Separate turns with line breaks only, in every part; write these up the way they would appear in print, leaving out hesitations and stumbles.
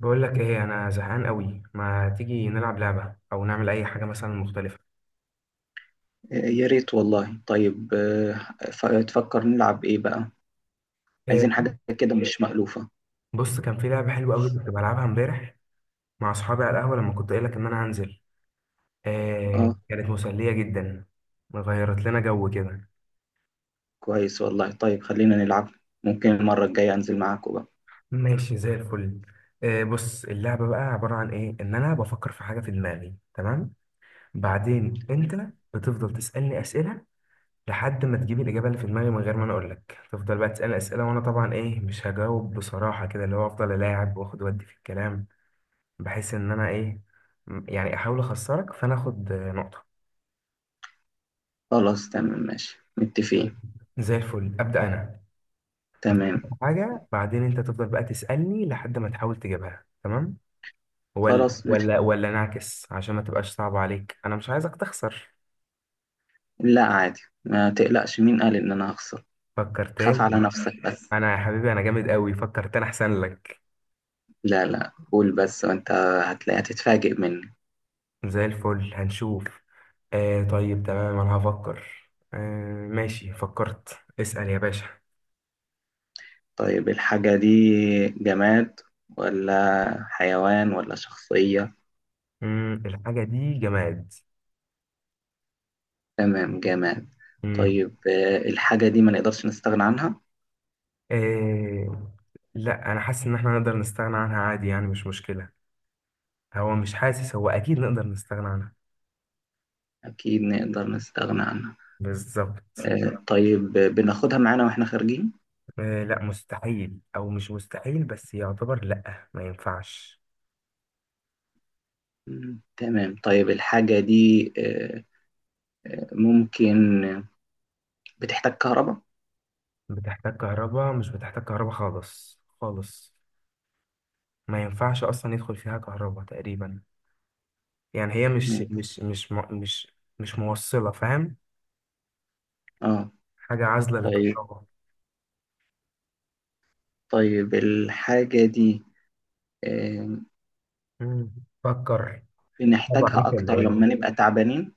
بقول لك ايه، انا زهقان قوي، ما تيجي نلعب لعبه او نعمل اي حاجه مثلا مختلفه؟
يا ريت والله، طيب. تفكر نلعب ايه بقى؟ عايزين
إيه.
حاجة كده مش مألوفة.
بص كان في لعبه حلوه قوي كنت بلعبها امبارح مع اصحابي على القهوه لما كنت قايل لك ان انا هنزل. إيه،
اه،
كانت مسليه جدا. غيرت لنا جو كده.
كويس والله. طيب، خلينا نلعب. ممكن المرة الجاية انزل معاكم بقى.
ماشي، زي الفل. إيه، بص اللعبه بقى عباره عن ايه، ان انا بفكر في حاجه في دماغي، تمام. بعدين انت بتفضل تسالني اسئله، لحد ما تجيب الإجابة اللي في دماغي من غير ما أنا أقولك. تفضل بقى تسألني أسئلة، وأنا طبعا إيه مش هجاوب بصراحة، كده اللي هو أفضل ألاعب وآخد وأدي في الكلام، بحيث إن أنا إيه، يعني أحاول أخسرك، فأنا آخد نقطة.
خلاص، تمام، ماشي، متفقين.
طيب. زي الفل، أبدأ أنا. أفكر
تمام،
في حاجة، بعدين أنت تفضل بقى تسألني لحد ما تحاول تجيبها، تمام. ولا
خلاص، ماشي.
ولا ولا نعكس عشان ما تبقاش صعبة عليك، أنا مش عايزك تخسر.
لا، عادي، ما تقلقش. مين قال ان انا هخسر؟
فكر
خاف على
تاني.
نفسك بس.
أنا يا حبيبي، أنا جامد أوي، فكر تاني أحسن لك.
لا، لا، قول بس، وانت هتلاقي هتتفاجئ مني.
زي الفل، هنشوف. آه طيب، تمام، انا هفكر. آه ماشي، فكرت، اسأل يا باشا.
طيب، الحاجة دي جماد ولا حيوان ولا شخصية؟
الحاجة دي جماد.
تمام. جمال.
مم.
طيب، الحاجة دي ما نقدرش نستغنى عنها؟
آه، لا انا حاسس ان احنا نقدر نستغنى عنها عادي، يعني مش مشكلة. هو مش حاسس، هو اكيد نقدر نستغنى عنها.
أكيد نقدر نستغنى عنها.
بالظبط.
طيب، بناخدها معانا وإحنا خارجين؟
آه، لا مستحيل او مش مستحيل، بس يعتبر لا، ما ينفعش.
تمام. طيب، الحاجة دي ممكن بتحتاج كهرباء؟
بتحتاج كهرباء؟ مش بتحتاج كهرباء خالص خالص. ما ينفعش اصلا يدخل فيها كهرباء تقريبا. يعني هي مش
مم،
مش مش مو- مش موصلة، فاهم؟
اه.
حاجة عازلة
طيب،
للكهرباء.
طيب، الحاجة دي آه،
مم. فكر. طبعا
بنحتاجها
انت اللي
أكتر
قايله.
لما نبقى تعبانين؟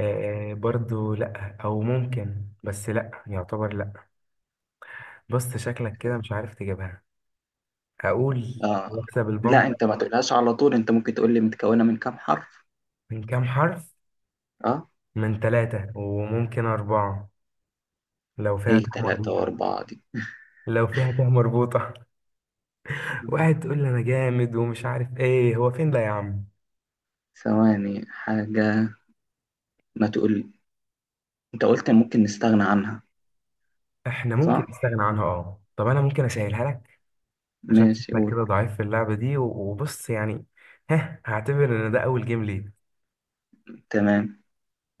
آه برضو لا، او ممكن، بس لا يعتبر لا. بص، شكلك كده مش عارف تجيبها. اقول
اه،
يكسب
لا،
البنك.
أنت ما تقولهاش على طول. أنت ممكن تقول لي متكونة من كام حرف.
من كام حرف؟
اه،
من ثلاثة، وممكن أربعة لو فيها تاء
إيه تلاتة
مربوطة.
وأربعة دي؟
لو فيها تاء مربوطة. واحد تقول لي أنا جامد ومش عارف إيه، هو فين ده يا عم؟
ثواني حاجة. ما تقول. انت قلت ممكن نستغنى عنها.
إحنا ممكن
صح،
نستغنى عنها. أه، طب أنا ممكن أسهلها لك عشان
ماشي،
شكلك
قول.
كده ضعيف في اللعبة دي، وبص يعني. ها، هعتبر إن ده أول جيم ليه.
تمام.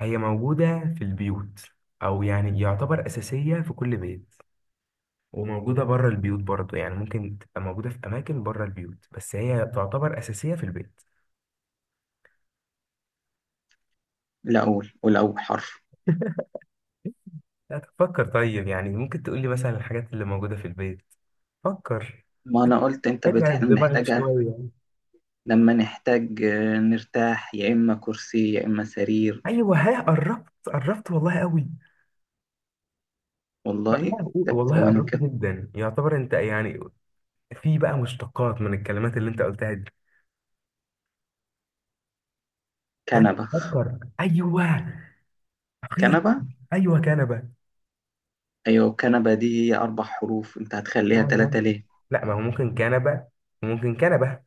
هي موجودة في البيوت، أو يعني يعتبر أساسية في كل بيت، وموجودة بره البيوت برضه، يعني ممكن تبقى موجودة في أماكن بره البيوت، بس هي تعتبر أساسية في البيت.
لا، قول قول اول حرف.
لا، تفكر، طيب يعني ممكن تقولي مثلا الحاجات اللي موجودة في البيت. فكر.
ما انا قلت انت
اتعب دماغك
بنحتاجها.
شوية.
لما نحتاج نرتاح، يا اما كرسي يا اما سرير.
أيوه، ها، قربت قربت والله قوي.
والله.
ها.
طب
والله
ثواني
قربت
كده.
جدا، يعتبر، أنت يعني، في بقى مشتقات من الكلمات اللي انت قلتها دي. ها.
كنبة.
فكر، ايوه. اخيرا.
كنبة.
ايوه، كنبه.
ايوه، كنبة دي هي اربع حروف، انت
يا
هتخليها
نهار.
ثلاثة ليه؟
لا، ما هو ممكن كنبه، وممكن كنبه.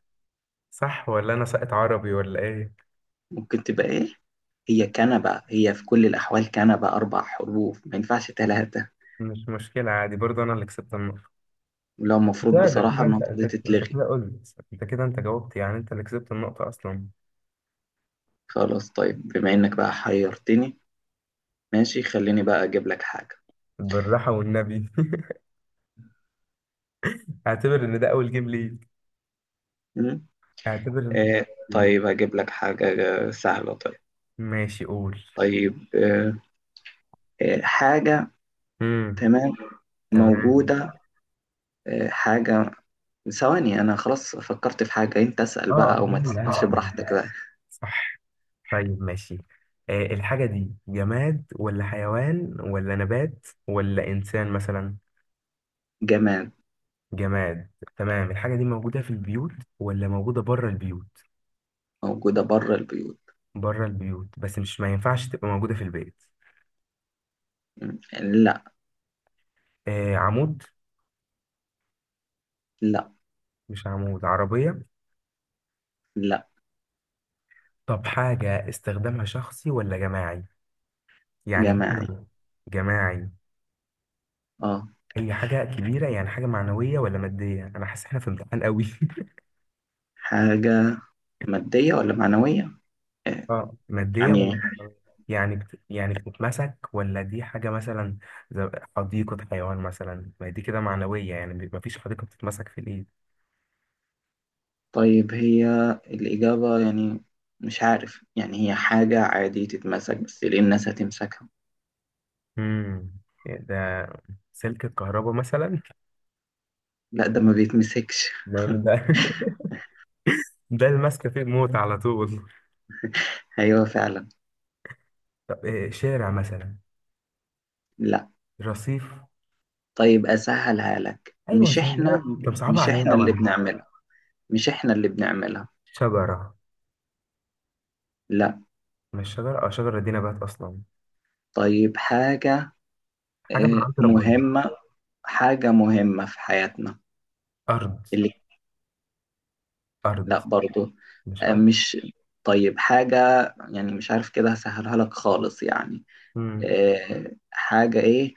صح، ولا انا ساقط عربي ولا ايه؟
ممكن تبقى ايه؟ هي كنبة، هي في كل الاحوال كنبة، اربع حروف، ما ينفعش ثلاثة.
مش مشكله، عادي برضه، انا اللي كسبت النقطه.
ولو المفروض
ده
بصراحة
كده، انت
النقطة
انت
دي
انت
تتلغي.
كده قلت، انت كده انت جاوبت، يعني انت اللي كسبت النقطه اصلا.
خلاص، طيب، بما انك بقى حيرتني، ماشي، خليني بقى أجيب لك حاجة.
بالراحه والنبي. اعتبر ان ده اول جيم ليك.
مم؟
اعتبر ان.
آه، طيب، هجيب لك حاجة سهلة. طيب.
ماشي، قول.
طيب. حاجة.
امم
تمام.
تمام.
موجودة. حاجة. ثواني، أنا خلاص فكرت في حاجة. أنت اسأل
اه اه،
بقى أو
انا
ما
اللي
تسألش
هسأل،
براحتك بقى.
صح. طيب ماشي. آه، الحاجة دي جماد ولا حيوان ولا نبات ولا إنسان مثلا؟
جماد.
جماد. تمام، الحاجة دي موجودة في البيوت، ولا موجودة بره البيوت؟
موجودة بره البيوت.
بره البيوت، بس مش، ما ينفعش تبقى موجودة في البيت.
مم. لا.
آه، عمود؟
لا.
مش عمود عربية؟
لا.
طب حاجة استخدامها شخصي ولا جماعي؟ يعني
جماعي.
مثلاً. جماعي؟
اه.
هي حاجة كبيرة، يعني حاجة معنوية ولا مادية؟ أنا حاسس إحنا في امتحان قوي.
حاجة مادية ولا معنوية؟ آه،
اه، مادية
يعني.
ولا معنوية؟ يعني بتتمسك، ولا دي حاجة مثلا زي حديقة حيوان مثلا، ما دي كده معنوية، يعني ما فيش حديقة بتتمسك في الإيد.
طيب، هي الإجابة يعني مش عارف. يعني هي حاجة عادي تتمسك، بس ليه الناس هتمسكها؟
امم ده سلك الكهرباء مثلا؟
لا، ده ما بيتمسكش.
ما ده، ده المسكة فيه الموت على طول.
أيوه فعلا.
طب إيه، شارع مثلا؟
لا.
رصيف؟
طيب، أسهلها لك.
ايوه،
مش إحنا.
سهلة لي. طب صعبة
مش
عليا
إحنا اللي
قوي.
بنعملها. مش إحنا اللي بنعملها.
شجرة؟
لا.
مش شجرة. اه، شجرة دي نبات أصلا.
طيب، حاجة
حاجة من عند ربنا.
مهمة. حاجة مهمة في حياتنا.
أرض؟
اللي.
أرض.
لا برضو.
مش
آه،
أرض؟
مش طيب، حاجة، يعني مش عارف كده هسهلها لك خالص، يعني.
مم.
حاجة إيه؟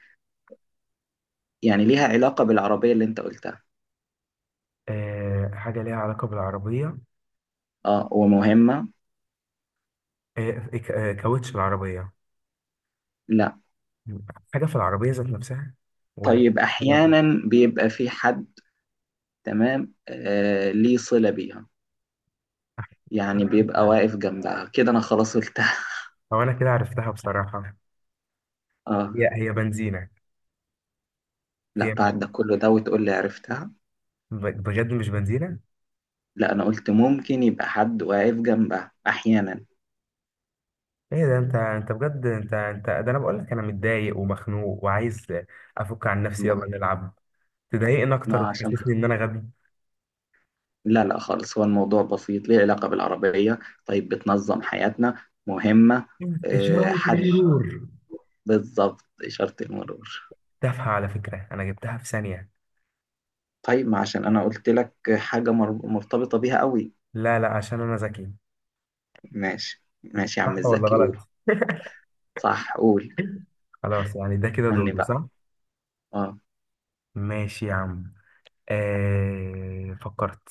يعني ليها علاقة بالعربية اللي انت قلتها.
آه، حاجة ليها علاقة بالعربية؟
اه، ومهمة.
كاوتش العربية؟
لا.
حاجة في العربية ذات نفسها، ولا
طيب،
مش علاقة؟
احيانا بيبقى في حد. تمام. ليه صلة بيها، يعني بيبقى واقف جنبها كده، انا خلاص قلتها.
أو أنا كده عرفتها بصراحة.
اه.
هي بنزينة.
لا،
هي مش،
بعد ده كله ده وتقول لي عرفتها؟
بجد مش بنزينة.
لا، انا قلت ممكن يبقى حد واقف جنبها احيانا.
إيه ده! أنت بجد، أنت ده أنا بقول لك أنا متضايق ومخنوق وعايز أفك عن نفسي، يلا
ما,
نلعب. تضايقني
ما
أكتر
عشان.
وتحسسني إن أنا غبي.
لا، لا، خالص. هو الموضوع بسيط، ليه علاقة بالعربية. طيب، بتنظم حياتنا، مهمة.
إشارة
حد.
المرور!
بالظبط، إشارة المرور.
تافهة، على فكرة أنا جبتها في ثانية.
طيب، ما عشان انا قلت لك حاجة مرتبطة بيها قوي.
لا لا، عشان أنا ذكي.
ماشي، ماشي، يا عم
صح ولا
الزكي، قول.
غلط؟
صح، قول.
خلاص، يعني ده كده
اني
دوري،
بقى.
صح؟
اه،
ماشي يا عم. آه، فكرت،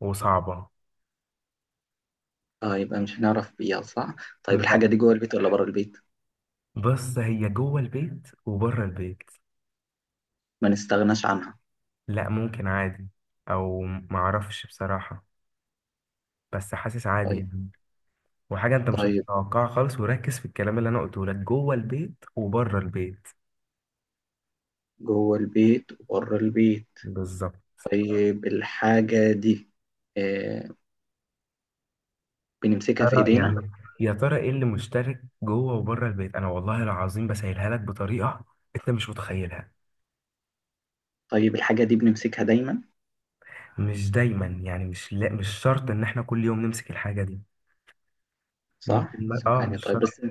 وصعبة.
اه، يبقى مش هنعرف بيها. صح. طيب، الحاجة
لا،
دي جوه البيت ولا بره البيت؟
بص هي جوه البيت وبره البيت.
ما نستغناش عنها؟
لا، ممكن عادي، او معرفش بصراحة، بس حاسس عادي
طيب.
يعني. وحاجة انت مش
طيب،
هتتوقعها خالص، وركز في الكلام اللي انا قلته لك، جوه البيت وبره البيت.
جوه البيت وبره البيت.
بالظبط.
طيب، الحاجة دي آه بنمسكها في
ترى
ايدينا؟
يعني، يا ترى ايه اللي مشترك جوه وبره البيت؟ انا والله العظيم بسهلها لك بطريقة انت مش متخيلها.
طيب، الحاجة دي بنمسكها دايما؟
مش دايما يعني، مش لا، مش شرط ان احنا كل يوم نمسك الحاجه دي.
صح.
ممكن
ثواني
مش
طيب
شرط.
بس.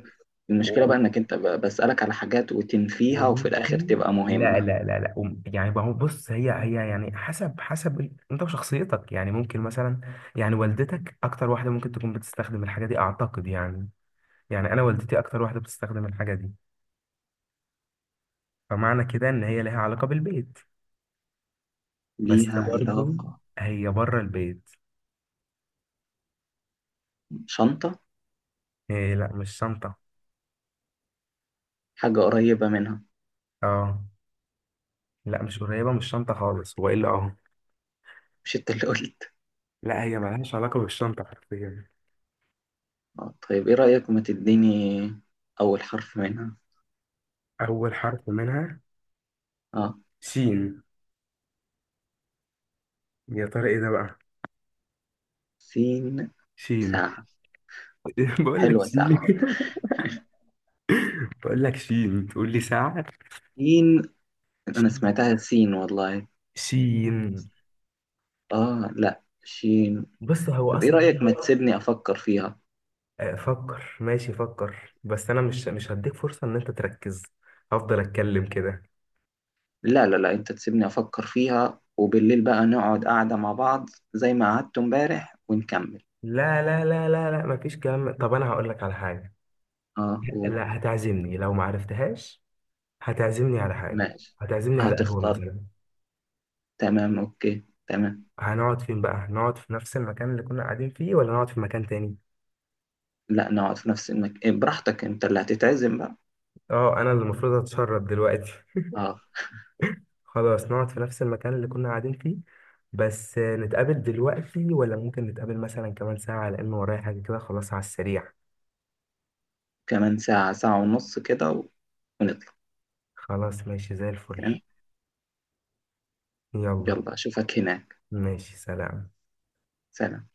المشكلة
و-
بقى انك انت بسألك على حاجات وتنفيها، وفي الاخر
وممكن.
تبقى
لا
مهمة.
لا لا لا، يعني ما هو، بص هي يعني، حسب انت وشخصيتك، يعني ممكن مثلا، يعني والدتك اكتر واحده ممكن تكون بتستخدم الحاجه دي، اعتقد يعني. يعني انا والدتي اكتر واحده بتستخدم الحاجه دي، فمعنى كده ان هي لها علاقه بالبيت، بس
ليها
برضو
علاقة.
هي بره البيت.
شنطة.
إيه؟ لا، مش شنطه.
حاجة قريبة منها.
اه، لا مش قريبه، مش شنطه خالص، والا اه.
مش انت اللي قلت؟
لا، هي ملهاش علاقة بالشنطة حرفيا.
اه، طيب، ايه رأيك ما تديني أول حرف منها.
أول حرف منها.
اه،
سين. يا ترى إيه ده بقى؟
سين.
سين.
ساعة.
بقول لك
حلوة
سين.
ساعة.
بقول لك سين، تقول لي ساعة.
سين. أنا
سين.
سمعتها سين والله.
سين.
اه، لا، شين.
بص هو
طب ايه
أصلا.
رأيك ما تسيبني أفكر فيها.
آه، فكر ماشي، فكر، بس أنا مش هديك فرصة إن أنت تركز. هفضل أتكلم كده.
لا، لا، لا، انت تسيبني أفكر فيها، وبالليل بقى نقعد قاعدة مع بعض زي ما قعدت امبارح ونكمل.
لا لا لا لا لا، مفيش كلام. طب أنا هقول لك على حاجة.
اه، قول.
لا، هتعزمني لو ما عرفتهاش. هتعزمني على حاجة.
ماشي.
هتعزمني على قهوة
هتختار.
مثلا.
تمام، اوكي، تمام.
هنقعد فين بقى؟ هنقعد في نفس المكان اللي كنا قاعدين فيه، ولا نقعد في مكان تاني؟
لا، نقعد في نفس المكان. براحتك، انت اللي هتتعزم بقى.
اه، انا اللي المفروض اتشرد دلوقتي.
اه.
خلاص، نقعد في نفس المكان اللي كنا قاعدين فيه. بس نتقابل دلوقتي، ولا ممكن نتقابل مثلا كمان ساعة، لأن ورايا حاجة كده خلاص، على السريع.
كمان ساعة، ساعة ونص كده ونطلع.
خلاص ماشي، زي الفل.
تمام.
يلا.
يلا، أشوفك هناك.
ماشي، سلام.
سلام.